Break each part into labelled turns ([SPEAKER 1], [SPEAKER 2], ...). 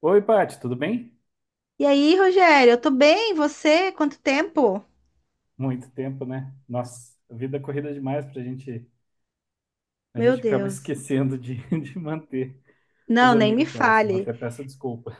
[SPEAKER 1] Oi, Paty, tudo bem?
[SPEAKER 2] E aí, Rogério, eu tô bem, e você? Quanto tempo?
[SPEAKER 1] Muito tempo, né? Nossa, a vida é corrida demais pra gente. A
[SPEAKER 2] Meu
[SPEAKER 1] gente acaba
[SPEAKER 2] Deus.
[SPEAKER 1] esquecendo de manter os
[SPEAKER 2] Não, nem me
[SPEAKER 1] amigos próximos.
[SPEAKER 2] fale.
[SPEAKER 1] Até peço desculpa.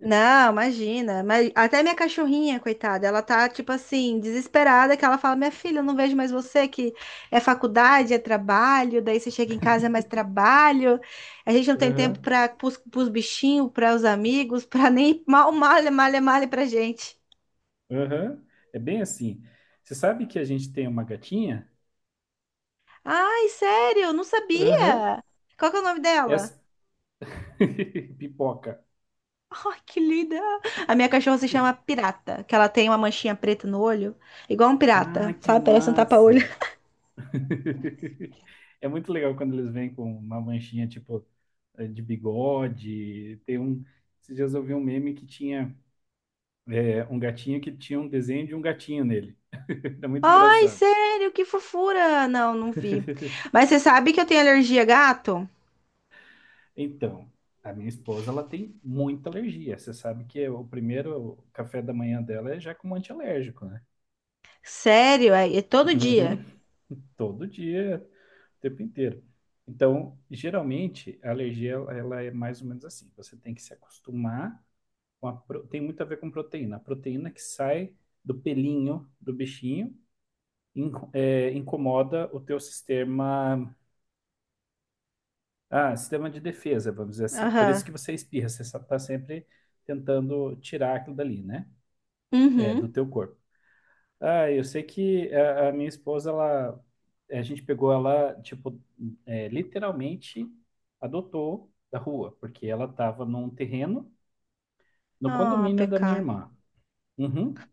[SPEAKER 2] Não, imagina. Mas até minha cachorrinha, coitada, ela tá tipo assim, desesperada, que ela fala: "Minha filha, eu não vejo mais você, que é faculdade, é trabalho, daí você chega em casa é mais trabalho. A gente não tem tempo
[SPEAKER 1] Aham,
[SPEAKER 2] para os bichinhos, para os amigos, para nem mal malha, malha, malha pra gente."
[SPEAKER 1] aham. É bem assim. Você sabe que a gente tem uma gatinha?
[SPEAKER 2] Ai, sério, não
[SPEAKER 1] Aham.
[SPEAKER 2] sabia. Qual que é o nome dela?
[SPEAKER 1] Essa. Pipoca.
[SPEAKER 2] Ai, que linda! A minha cachorra se chama Pirata, que ela tem uma manchinha preta no olho, igual um
[SPEAKER 1] Ah,
[SPEAKER 2] pirata,
[SPEAKER 1] que
[SPEAKER 2] sabe? Parece um tapa-olho.
[SPEAKER 1] massa! É muito legal quando eles vêm com uma manchinha tipo de bigode. Tem um. Esses dias eu vi um meme que tinha. É, um gatinho que tinha um desenho de um gatinho nele. Era muito
[SPEAKER 2] Ai,
[SPEAKER 1] engraçado.
[SPEAKER 2] sério, que fofura! Não, não vi. Mas você sabe que eu tenho alergia a gato?
[SPEAKER 1] Então, a minha esposa, ela tem muita alergia. Você sabe que o primeiro café da manhã dela é já com um antialérgico, né?
[SPEAKER 2] Sério, é, é todo
[SPEAKER 1] Uhum.
[SPEAKER 2] dia.
[SPEAKER 1] Todo dia, o tempo inteiro. Então, geralmente, a alergia, ela é mais ou menos assim. Você tem que se acostumar. Tem muito a ver com proteína. A proteína que sai do pelinho do bichinho incomoda o teu sistema. Ah, sistema de defesa, vamos dizer assim. Por isso
[SPEAKER 2] Aham.
[SPEAKER 1] que você espirra, você está sempre tentando tirar aquilo dali, né? É, do
[SPEAKER 2] Uhum.
[SPEAKER 1] teu corpo. Ah, eu sei que a minha esposa, ela, a gente pegou ela, tipo, literalmente adotou da rua, porque ela estava num terreno no
[SPEAKER 2] Ah,
[SPEAKER 1] condomínio da minha
[SPEAKER 2] pecado.
[SPEAKER 1] irmã. Uhum.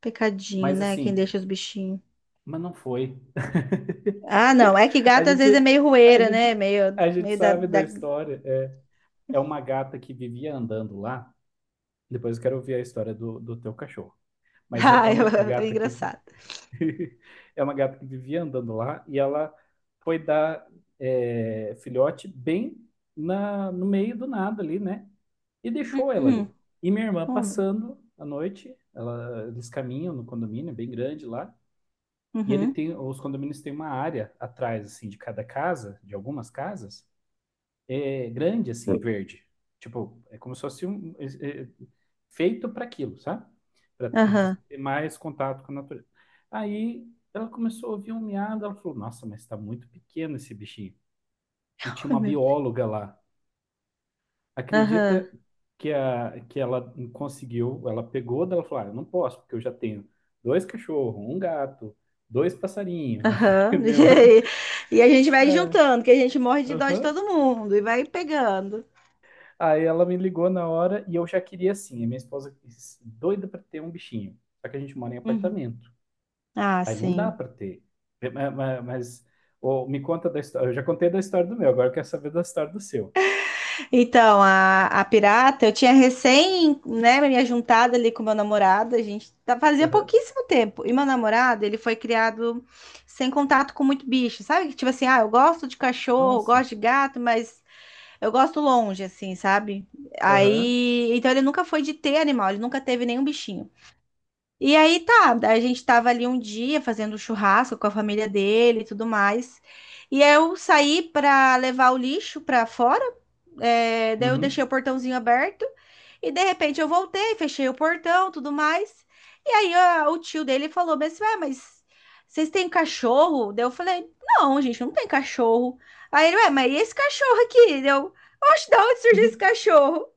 [SPEAKER 2] Pecadinho,
[SPEAKER 1] Mas
[SPEAKER 2] né? Quem
[SPEAKER 1] assim,
[SPEAKER 2] deixa os bichinhos.
[SPEAKER 1] mas não foi.
[SPEAKER 2] Ah, não. É que
[SPEAKER 1] A
[SPEAKER 2] gato às vezes é
[SPEAKER 1] gente,
[SPEAKER 2] meio
[SPEAKER 1] a
[SPEAKER 2] rueira, né?
[SPEAKER 1] gente,
[SPEAKER 2] Meio,
[SPEAKER 1] a gente
[SPEAKER 2] meio da,
[SPEAKER 1] sabe da
[SPEAKER 2] da...
[SPEAKER 1] história. É uma gata que vivia andando lá. Depois eu quero ouvir a história do teu cachorro. Mas é
[SPEAKER 2] Ah, eu-
[SPEAKER 1] uma a
[SPEAKER 2] é
[SPEAKER 1] gata que
[SPEAKER 2] engraçado.
[SPEAKER 1] é uma gata que vivia andando lá e ela foi dar filhote bem no meio do nada ali, né? E deixou ela
[SPEAKER 2] Uhum.
[SPEAKER 1] ali. E minha irmã
[SPEAKER 2] Oh, meu-
[SPEAKER 1] passando à noite, eles caminham no condomínio bem grande lá. E
[SPEAKER 2] Uhum.
[SPEAKER 1] os condomínios têm uma área atrás, assim, de cada casa, de algumas casas, grande, assim, verde. Tipo, é como se fosse um, feito para aquilo, sabe? Para você
[SPEAKER 2] Aham.
[SPEAKER 1] ter mais contato com a natureza. Aí ela começou a ouvir um miado, ela falou: "Nossa, mas está muito pequeno esse bichinho." E tinha
[SPEAKER 2] Ai,
[SPEAKER 1] uma
[SPEAKER 2] meu Deus.
[SPEAKER 1] bióloga lá. Acredita
[SPEAKER 2] Aham.
[SPEAKER 1] que ela conseguiu, ela pegou dela e falou: "Eu não posso, porque eu já tenho dois cachorros, um gato, dois passarinhos."
[SPEAKER 2] Aham.
[SPEAKER 1] Minha
[SPEAKER 2] E
[SPEAKER 1] irmã.
[SPEAKER 2] aí, e a gente vai
[SPEAKER 1] Ah,
[SPEAKER 2] juntando, que a gente morre de dó de
[SPEAKER 1] aham.
[SPEAKER 2] todo mundo e vai pegando.
[SPEAKER 1] Aí ela me ligou na hora e eu já queria assim. A minha esposa doida para ter um bichinho. Só que a gente mora em
[SPEAKER 2] Uhum.
[SPEAKER 1] apartamento.
[SPEAKER 2] Ah,
[SPEAKER 1] Aí não dá
[SPEAKER 2] sim.
[SPEAKER 1] para ter. É, Mas, ô, me conta da história. Eu já contei da história do meu, agora eu quero saber da história do seu.
[SPEAKER 2] Então, a pirata, eu tinha recém, né, me juntado ali com meu namorado, a gente tá- fazia
[SPEAKER 1] Aham.
[SPEAKER 2] pouquíssimo tempo. E meu namorado, ele foi criado sem contato com muito bicho, sabe? Tipo assim, ah, eu gosto de cachorro,
[SPEAKER 1] Nossa.
[SPEAKER 2] gosto de gato, mas eu gosto longe, assim, sabe?
[SPEAKER 1] Aham.
[SPEAKER 2] Aí, então ele nunca foi de ter animal, ele nunca teve nenhum bichinho. E aí tá, a gente tava ali um dia fazendo churrasco com a família dele e tudo mais. E aí eu saí pra levar o lixo pra fora, é, daí eu deixei o
[SPEAKER 1] Uhum.
[SPEAKER 2] portãozinho aberto. E de repente eu voltei, fechei o portão, tudo mais. E aí o tio dele falou, mas, ué, mas vocês têm cachorro? Daí eu falei, não, gente, não tem cachorro. Aí ele, ué, mas e esse cachorro aqui? Daí eu, oxe, da onde surgiu esse
[SPEAKER 1] Uhum.
[SPEAKER 2] cachorro?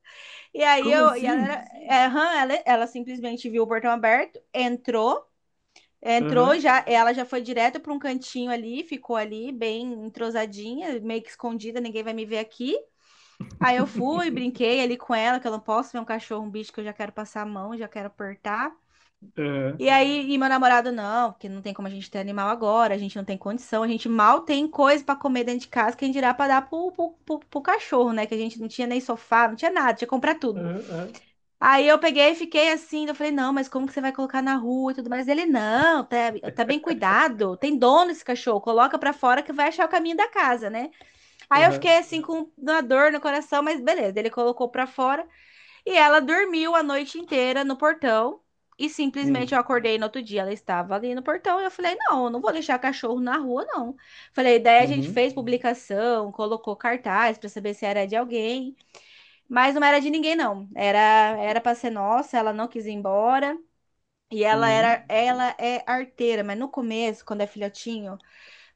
[SPEAKER 2] E aí
[SPEAKER 1] Como
[SPEAKER 2] eu, e ela,
[SPEAKER 1] assim?
[SPEAKER 2] era, aham, ela simplesmente viu o portão aberto, entrou, entrou
[SPEAKER 1] Aham.
[SPEAKER 2] já, ela já foi direto para um cantinho ali, ficou ali bem entrosadinha, meio que escondida, ninguém vai me ver aqui. Aí eu fui, brinquei ali com ela, que eu não posso ver um cachorro, um bicho que eu já quero passar a mão, já quero apertar.
[SPEAKER 1] Aham.
[SPEAKER 2] E aí, e meu namorado, não, porque não tem como a gente ter animal agora, a gente não tem condição, a gente mal tem coisa para comer dentro de casa, quem dirá para dar pro cachorro, né? Que a gente não tinha nem sofá, não tinha nada, tinha que comprar tudo.
[SPEAKER 1] Aham. Aham.
[SPEAKER 2] Aí eu peguei e fiquei assim, eu falei, não, mas como que você vai colocar na rua e tudo mais? Ele, não, tá, tá bem cuidado, tem dono esse cachorro, coloca pra fora que vai achar o caminho da casa, né? Aí eu
[SPEAKER 1] Aham.
[SPEAKER 2] fiquei assim com uma dor no coração, mas beleza, ele colocou pra fora e ela dormiu a noite inteira no portão e simplesmente
[SPEAKER 1] Hum.
[SPEAKER 2] eu acordei no outro dia, ela estava ali no portão e eu falei, não, eu não vou deixar cachorro na rua, não. Falei, daí a gente
[SPEAKER 1] Uhum.
[SPEAKER 2] fez publicação, colocou cartaz pra saber se era de alguém mas não era de ninguém, não. Era para ser nossa, ela não quis ir embora. E ela era,
[SPEAKER 1] Uhum.
[SPEAKER 2] ela é arteira, mas no começo, quando é filhotinho,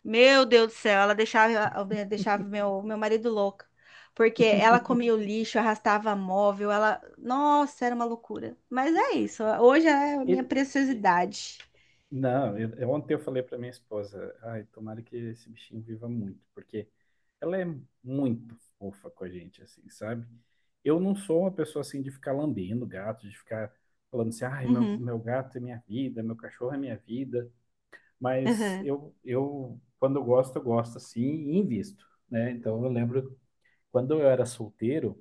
[SPEAKER 2] meu Deus do céu, ela deixava, deixava meu marido louco. Porque ela comia o lixo, arrastava móvel, ela. Nossa, era uma loucura. Mas é isso. Hoje é a minha
[SPEAKER 1] E
[SPEAKER 2] preciosidade.
[SPEAKER 1] Não, ontem eu falei para minha esposa, ai, tomara que esse bichinho viva muito, porque ela é muito fofa com a gente, assim, sabe? Eu não sou uma pessoa assim de ficar lambendo gato, de ficar falando assim, ai, meu,
[SPEAKER 2] Uhum.
[SPEAKER 1] meu gato é minha vida, meu cachorro é minha vida, mas
[SPEAKER 2] Uhum.
[SPEAKER 1] eu quando eu gosto assim e invisto, né? Então eu lembro quando eu era solteiro,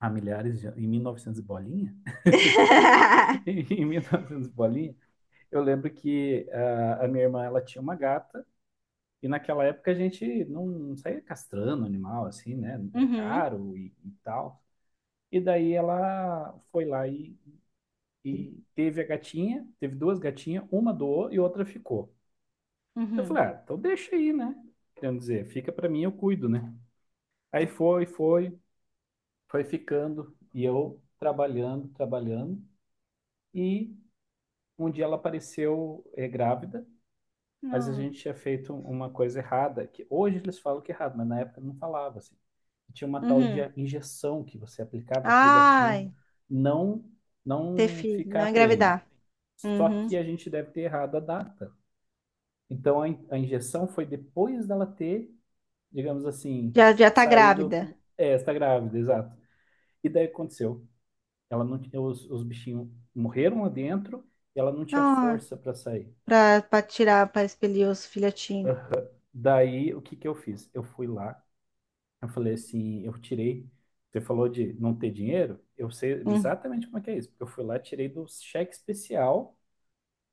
[SPEAKER 1] há milhares de, anos- em 1900 e bolinha, em 1900 e novecentos e bolinha, eu lembro que a minha irmã, ela tinha uma gata, e naquela época a gente não saía castrando animal, assim, né? Era
[SPEAKER 2] Uhum.
[SPEAKER 1] caro e tal. E daí ela foi lá e teve a gatinha, teve duas gatinhas, uma doou e outra ficou. Eu
[SPEAKER 2] Uhum.
[SPEAKER 1] falei, ah, então deixa aí, né? Querendo dizer, fica pra mim, eu cuido, né? Aí foi ficando, e eu trabalhando, trabalhando, e um dia ela apareceu grávida, mas a
[SPEAKER 2] Não.
[SPEAKER 1] gente tinha feito uma coisa errada, que hoje eles falam que é errado, mas na época não falava assim. Tinha uma tal de
[SPEAKER 2] Uhum.
[SPEAKER 1] injeção que você aplicava para o gatinho
[SPEAKER 2] Ai,
[SPEAKER 1] não
[SPEAKER 2] ter
[SPEAKER 1] não
[SPEAKER 2] filho,
[SPEAKER 1] ficar
[SPEAKER 2] não
[SPEAKER 1] prenho.
[SPEAKER 2] engravidar.
[SPEAKER 1] Só
[SPEAKER 2] Uhum.
[SPEAKER 1] que a gente deve ter errado a data. Então a injeção foi depois dela ter, digamos assim,
[SPEAKER 2] Já, já tá
[SPEAKER 1] saído.
[SPEAKER 2] grávida.
[SPEAKER 1] É, está grávida, exato. E daí aconteceu. Ela não tinha, os bichinhos morreram lá dentro e ela não tinha
[SPEAKER 2] Ah,
[SPEAKER 1] força para sair.
[SPEAKER 2] pra, pra tirar, pra expelir os filhotinhos.
[SPEAKER 1] Daí o que que eu fiz? Eu fui lá, eu falei assim, eu tirei. Você falou de não ter dinheiro? Eu sei
[SPEAKER 2] Hum.
[SPEAKER 1] exatamente como é que é isso, porque eu fui lá, tirei do cheque especial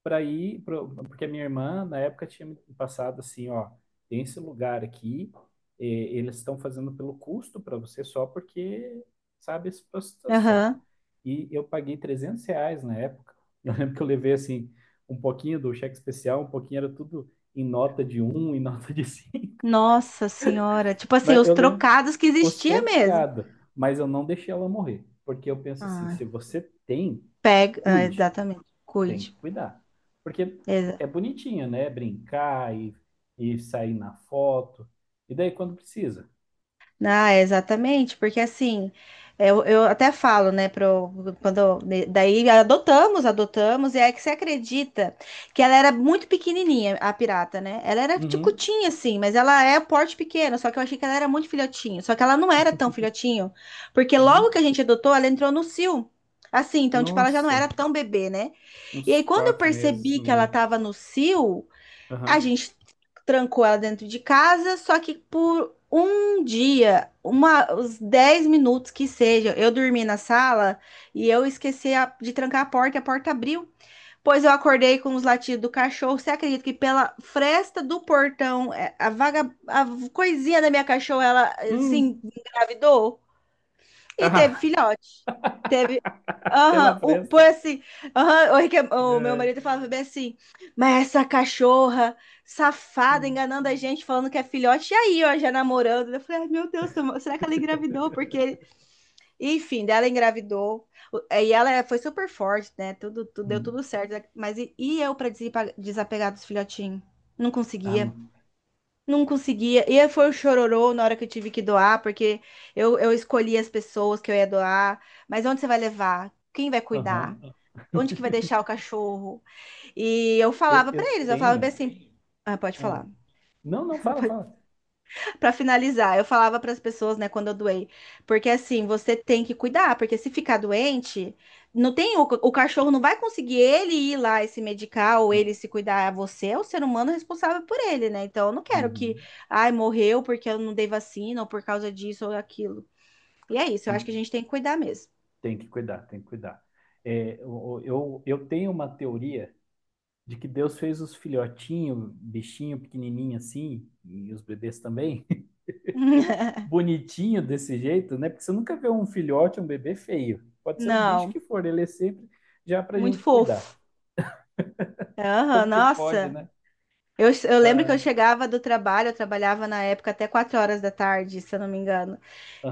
[SPEAKER 1] porque a minha irmã na época tinha me passado assim, ó, tem esse lugar aqui, eh, eles estão fazendo pelo custo para você só porque sabe essa situação.
[SPEAKER 2] Aham.
[SPEAKER 1] E eu paguei R$ 300 na época. Eu lembro que eu levei assim um pouquinho do cheque especial, um pouquinho era tudo em nota de um, em nota de
[SPEAKER 2] Nossa senhora. Tipo assim,
[SPEAKER 1] mas
[SPEAKER 2] os
[SPEAKER 1] eu lembro
[SPEAKER 2] trocados que
[SPEAKER 1] os
[SPEAKER 2] existia mesmo.
[SPEAKER 1] trocados, mas eu não deixei ela morrer. Porque eu penso assim,
[SPEAKER 2] Ah,
[SPEAKER 1] se você tem,
[SPEAKER 2] pega. Ah,
[SPEAKER 1] cuide.
[SPEAKER 2] exatamente.
[SPEAKER 1] Tem
[SPEAKER 2] Cuide.
[SPEAKER 1] que cuidar. Porque é bonitinho, né? Brincar e sair na foto. E daí quando precisa.
[SPEAKER 2] Ah, exatamente, porque assim, eu até falo, né, pro, quando, né, daí adotamos, adotamos, e aí que você acredita que ela era muito pequenininha, a pirata, né? Ela era
[SPEAKER 1] Uhum.
[SPEAKER 2] ticutinha, assim, mas ela é porte pequeno, só que eu achei que ela era muito filhotinho, só que ela não era tão filhotinho, porque logo
[SPEAKER 1] Uhum.
[SPEAKER 2] que a gente adotou, ela entrou no cio, assim, então, tipo, ela já não
[SPEAKER 1] Nossa,
[SPEAKER 2] era tão bebê, né? E
[SPEAKER 1] uns
[SPEAKER 2] aí, quando eu
[SPEAKER 1] 4 meses
[SPEAKER 2] percebi
[SPEAKER 1] no
[SPEAKER 2] que ela
[SPEAKER 1] mínimo.
[SPEAKER 2] tava no cio, a
[SPEAKER 1] Aham.
[SPEAKER 2] gente trancou ela dentro de casa, só que por um dia, uma, os 10 minutos que seja, eu dormi na sala e eu esqueci de trancar a porta e a porta abriu. Pois eu acordei com os latidos do cachorro. Você acredita que pela fresta do portão, é, a vaga, a coisinha da minha cachorra, ela assim
[SPEAKER 1] Hum.
[SPEAKER 2] engravidou? E teve
[SPEAKER 1] Ah.
[SPEAKER 2] filhote. Teve.
[SPEAKER 1] Pela
[SPEAKER 2] Aham, um- foi
[SPEAKER 1] pressa.
[SPEAKER 2] assim. Aham, o, o meu
[SPEAKER 1] É.
[SPEAKER 2] marido falava bem assim, mas essa cachorra safada
[SPEAKER 1] É.
[SPEAKER 2] enganando a gente, falando que é filhote, e aí, ó, já namorando. Eu falei, ai meu Deus, será que ela engravidou? Porque, enfim, dela engravidou. E ela é, foi super forte, né? Tudo, tudo- deu tudo
[SPEAKER 1] Hum.
[SPEAKER 2] certo. Mas e eu pra desapegar dos filhotinhos? Não
[SPEAKER 1] Ah,
[SPEAKER 2] conseguia.
[SPEAKER 1] não.
[SPEAKER 2] Não conseguia. E aí foi o chororô na hora que eu tive que doar, porque eu escolhi as pessoas que eu ia doar. Mas onde você vai levar? Quem vai cuidar?
[SPEAKER 1] Aham.
[SPEAKER 2] Onde que vai deixar o cachorro? E eu
[SPEAKER 1] Eu,
[SPEAKER 2] falava pra
[SPEAKER 1] eu
[SPEAKER 2] eles, eu falava bem
[SPEAKER 1] tenho.
[SPEAKER 2] assim. Ah, pode
[SPEAKER 1] Ah,
[SPEAKER 2] falar.
[SPEAKER 1] não, não, fala, fala.
[SPEAKER 2] Pra finalizar, eu falava para as pessoas, né, quando eu doei, porque assim, você tem que cuidar, porque se ficar doente, não tem o cachorro não vai conseguir ele ir lá e se medicar ou ele
[SPEAKER 1] Não.
[SPEAKER 2] se cuidar, você é o ser humano responsável por ele, né? Então eu não quero que,
[SPEAKER 1] Uhum.
[SPEAKER 2] ai, morreu porque eu não dei vacina ou por causa disso ou aquilo. E é isso, eu
[SPEAKER 1] E
[SPEAKER 2] acho que a gente tem que cuidar mesmo.
[SPEAKER 1] tem que cuidar, tem que cuidar. É, eu tenho uma teoria de que Deus fez os filhotinhos, bichinho pequenininho assim, e os bebês também, bonitinho desse jeito, né? Porque você nunca vê um filhote, um bebê feio. Pode ser o bicho
[SPEAKER 2] Não,
[SPEAKER 1] que for, ele é sempre já pra
[SPEAKER 2] muito
[SPEAKER 1] gente cuidar.
[SPEAKER 2] fofo. Aham,
[SPEAKER 1] Como que pode,
[SPEAKER 2] nossa.
[SPEAKER 1] né?
[SPEAKER 2] Eu lembro que eu
[SPEAKER 1] Ah,
[SPEAKER 2] chegava do trabalho, eu trabalhava na época até 4 horas da tarde, se eu não me engano.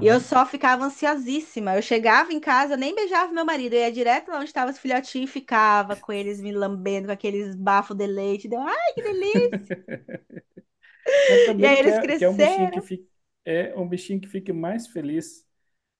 [SPEAKER 2] E eu só ficava ansiosíssima. Eu chegava em casa, eu nem beijava meu marido, eu ia direto lá onde estavam os filhotinhos e ficava com eles me lambendo, com aqueles bafos de leite. Deu, ai, que delícia!
[SPEAKER 1] Mas
[SPEAKER 2] E
[SPEAKER 1] também
[SPEAKER 2] aí
[SPEAKER 1] que
[SPEAKER 2] eles
[SPEAKER 1] é, que é um bichinho que
[SPEAKER 2] cresceram.
[SPEAKER 1] fica, é um bichinho que fique mais feliz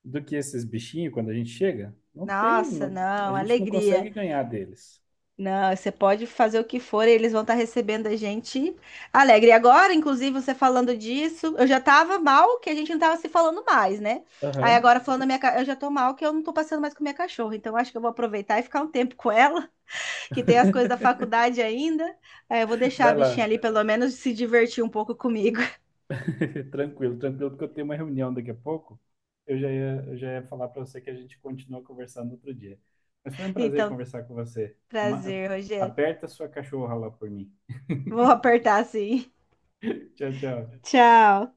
[SPEAKER 1] do que esses bichinhos quando a gente chega? Não tem,
[SPEAKER 2] Nossa,
[SPEAKER 1] não- A
[SPEAKER 2] não,
[SPEAKER 1] gente não
[SPEAKER 2] alegria.
[SPEAKER 1] consegue ganhar deles.
[SPEAKER 2] Não, você pode fazer o que for, eles vão estar recebendo a gente alegre. E agora, inclusive, você falando disso, eu já tava mal que a gente não tava se falando mais, né? Aí
[SPEAKER 1] Aham.
[SPEAKER 2] agora falando da minha, ca- eu já tô mal que eu não tô passando mais com minha cachorra, então acho que eu vou aproveitar e ficar um tempo com ela, que tem as coisas da faculdade ainda. Aí eu vou deixar a
[SPEAKER 1] Vai
[SPEAKER 2] bichinha
[SPEAKER 1] lá.
[SPEAKER 2] ali pelo menos se divertir um pouco comigo.
[SPEAKER 1] Tranquilo, tranquilo, porque eu tenho uma reunião daqui a pouco. Eu já ia falar para você que a gente continua conversando outro dia. Mas foi um prazer
[SPEAKER 2] Então,
[SPEAKER 1] conversar com você.
[SPEAKER 2] prazer, Rogério.
[SPEAKER 1] Aperta sua cachorra lá por mim.
[SPEAKER 2] Vou apertar sim.
[SPEAKER 1] Tchau, tchau.
[SPEAKER 2] Tchau.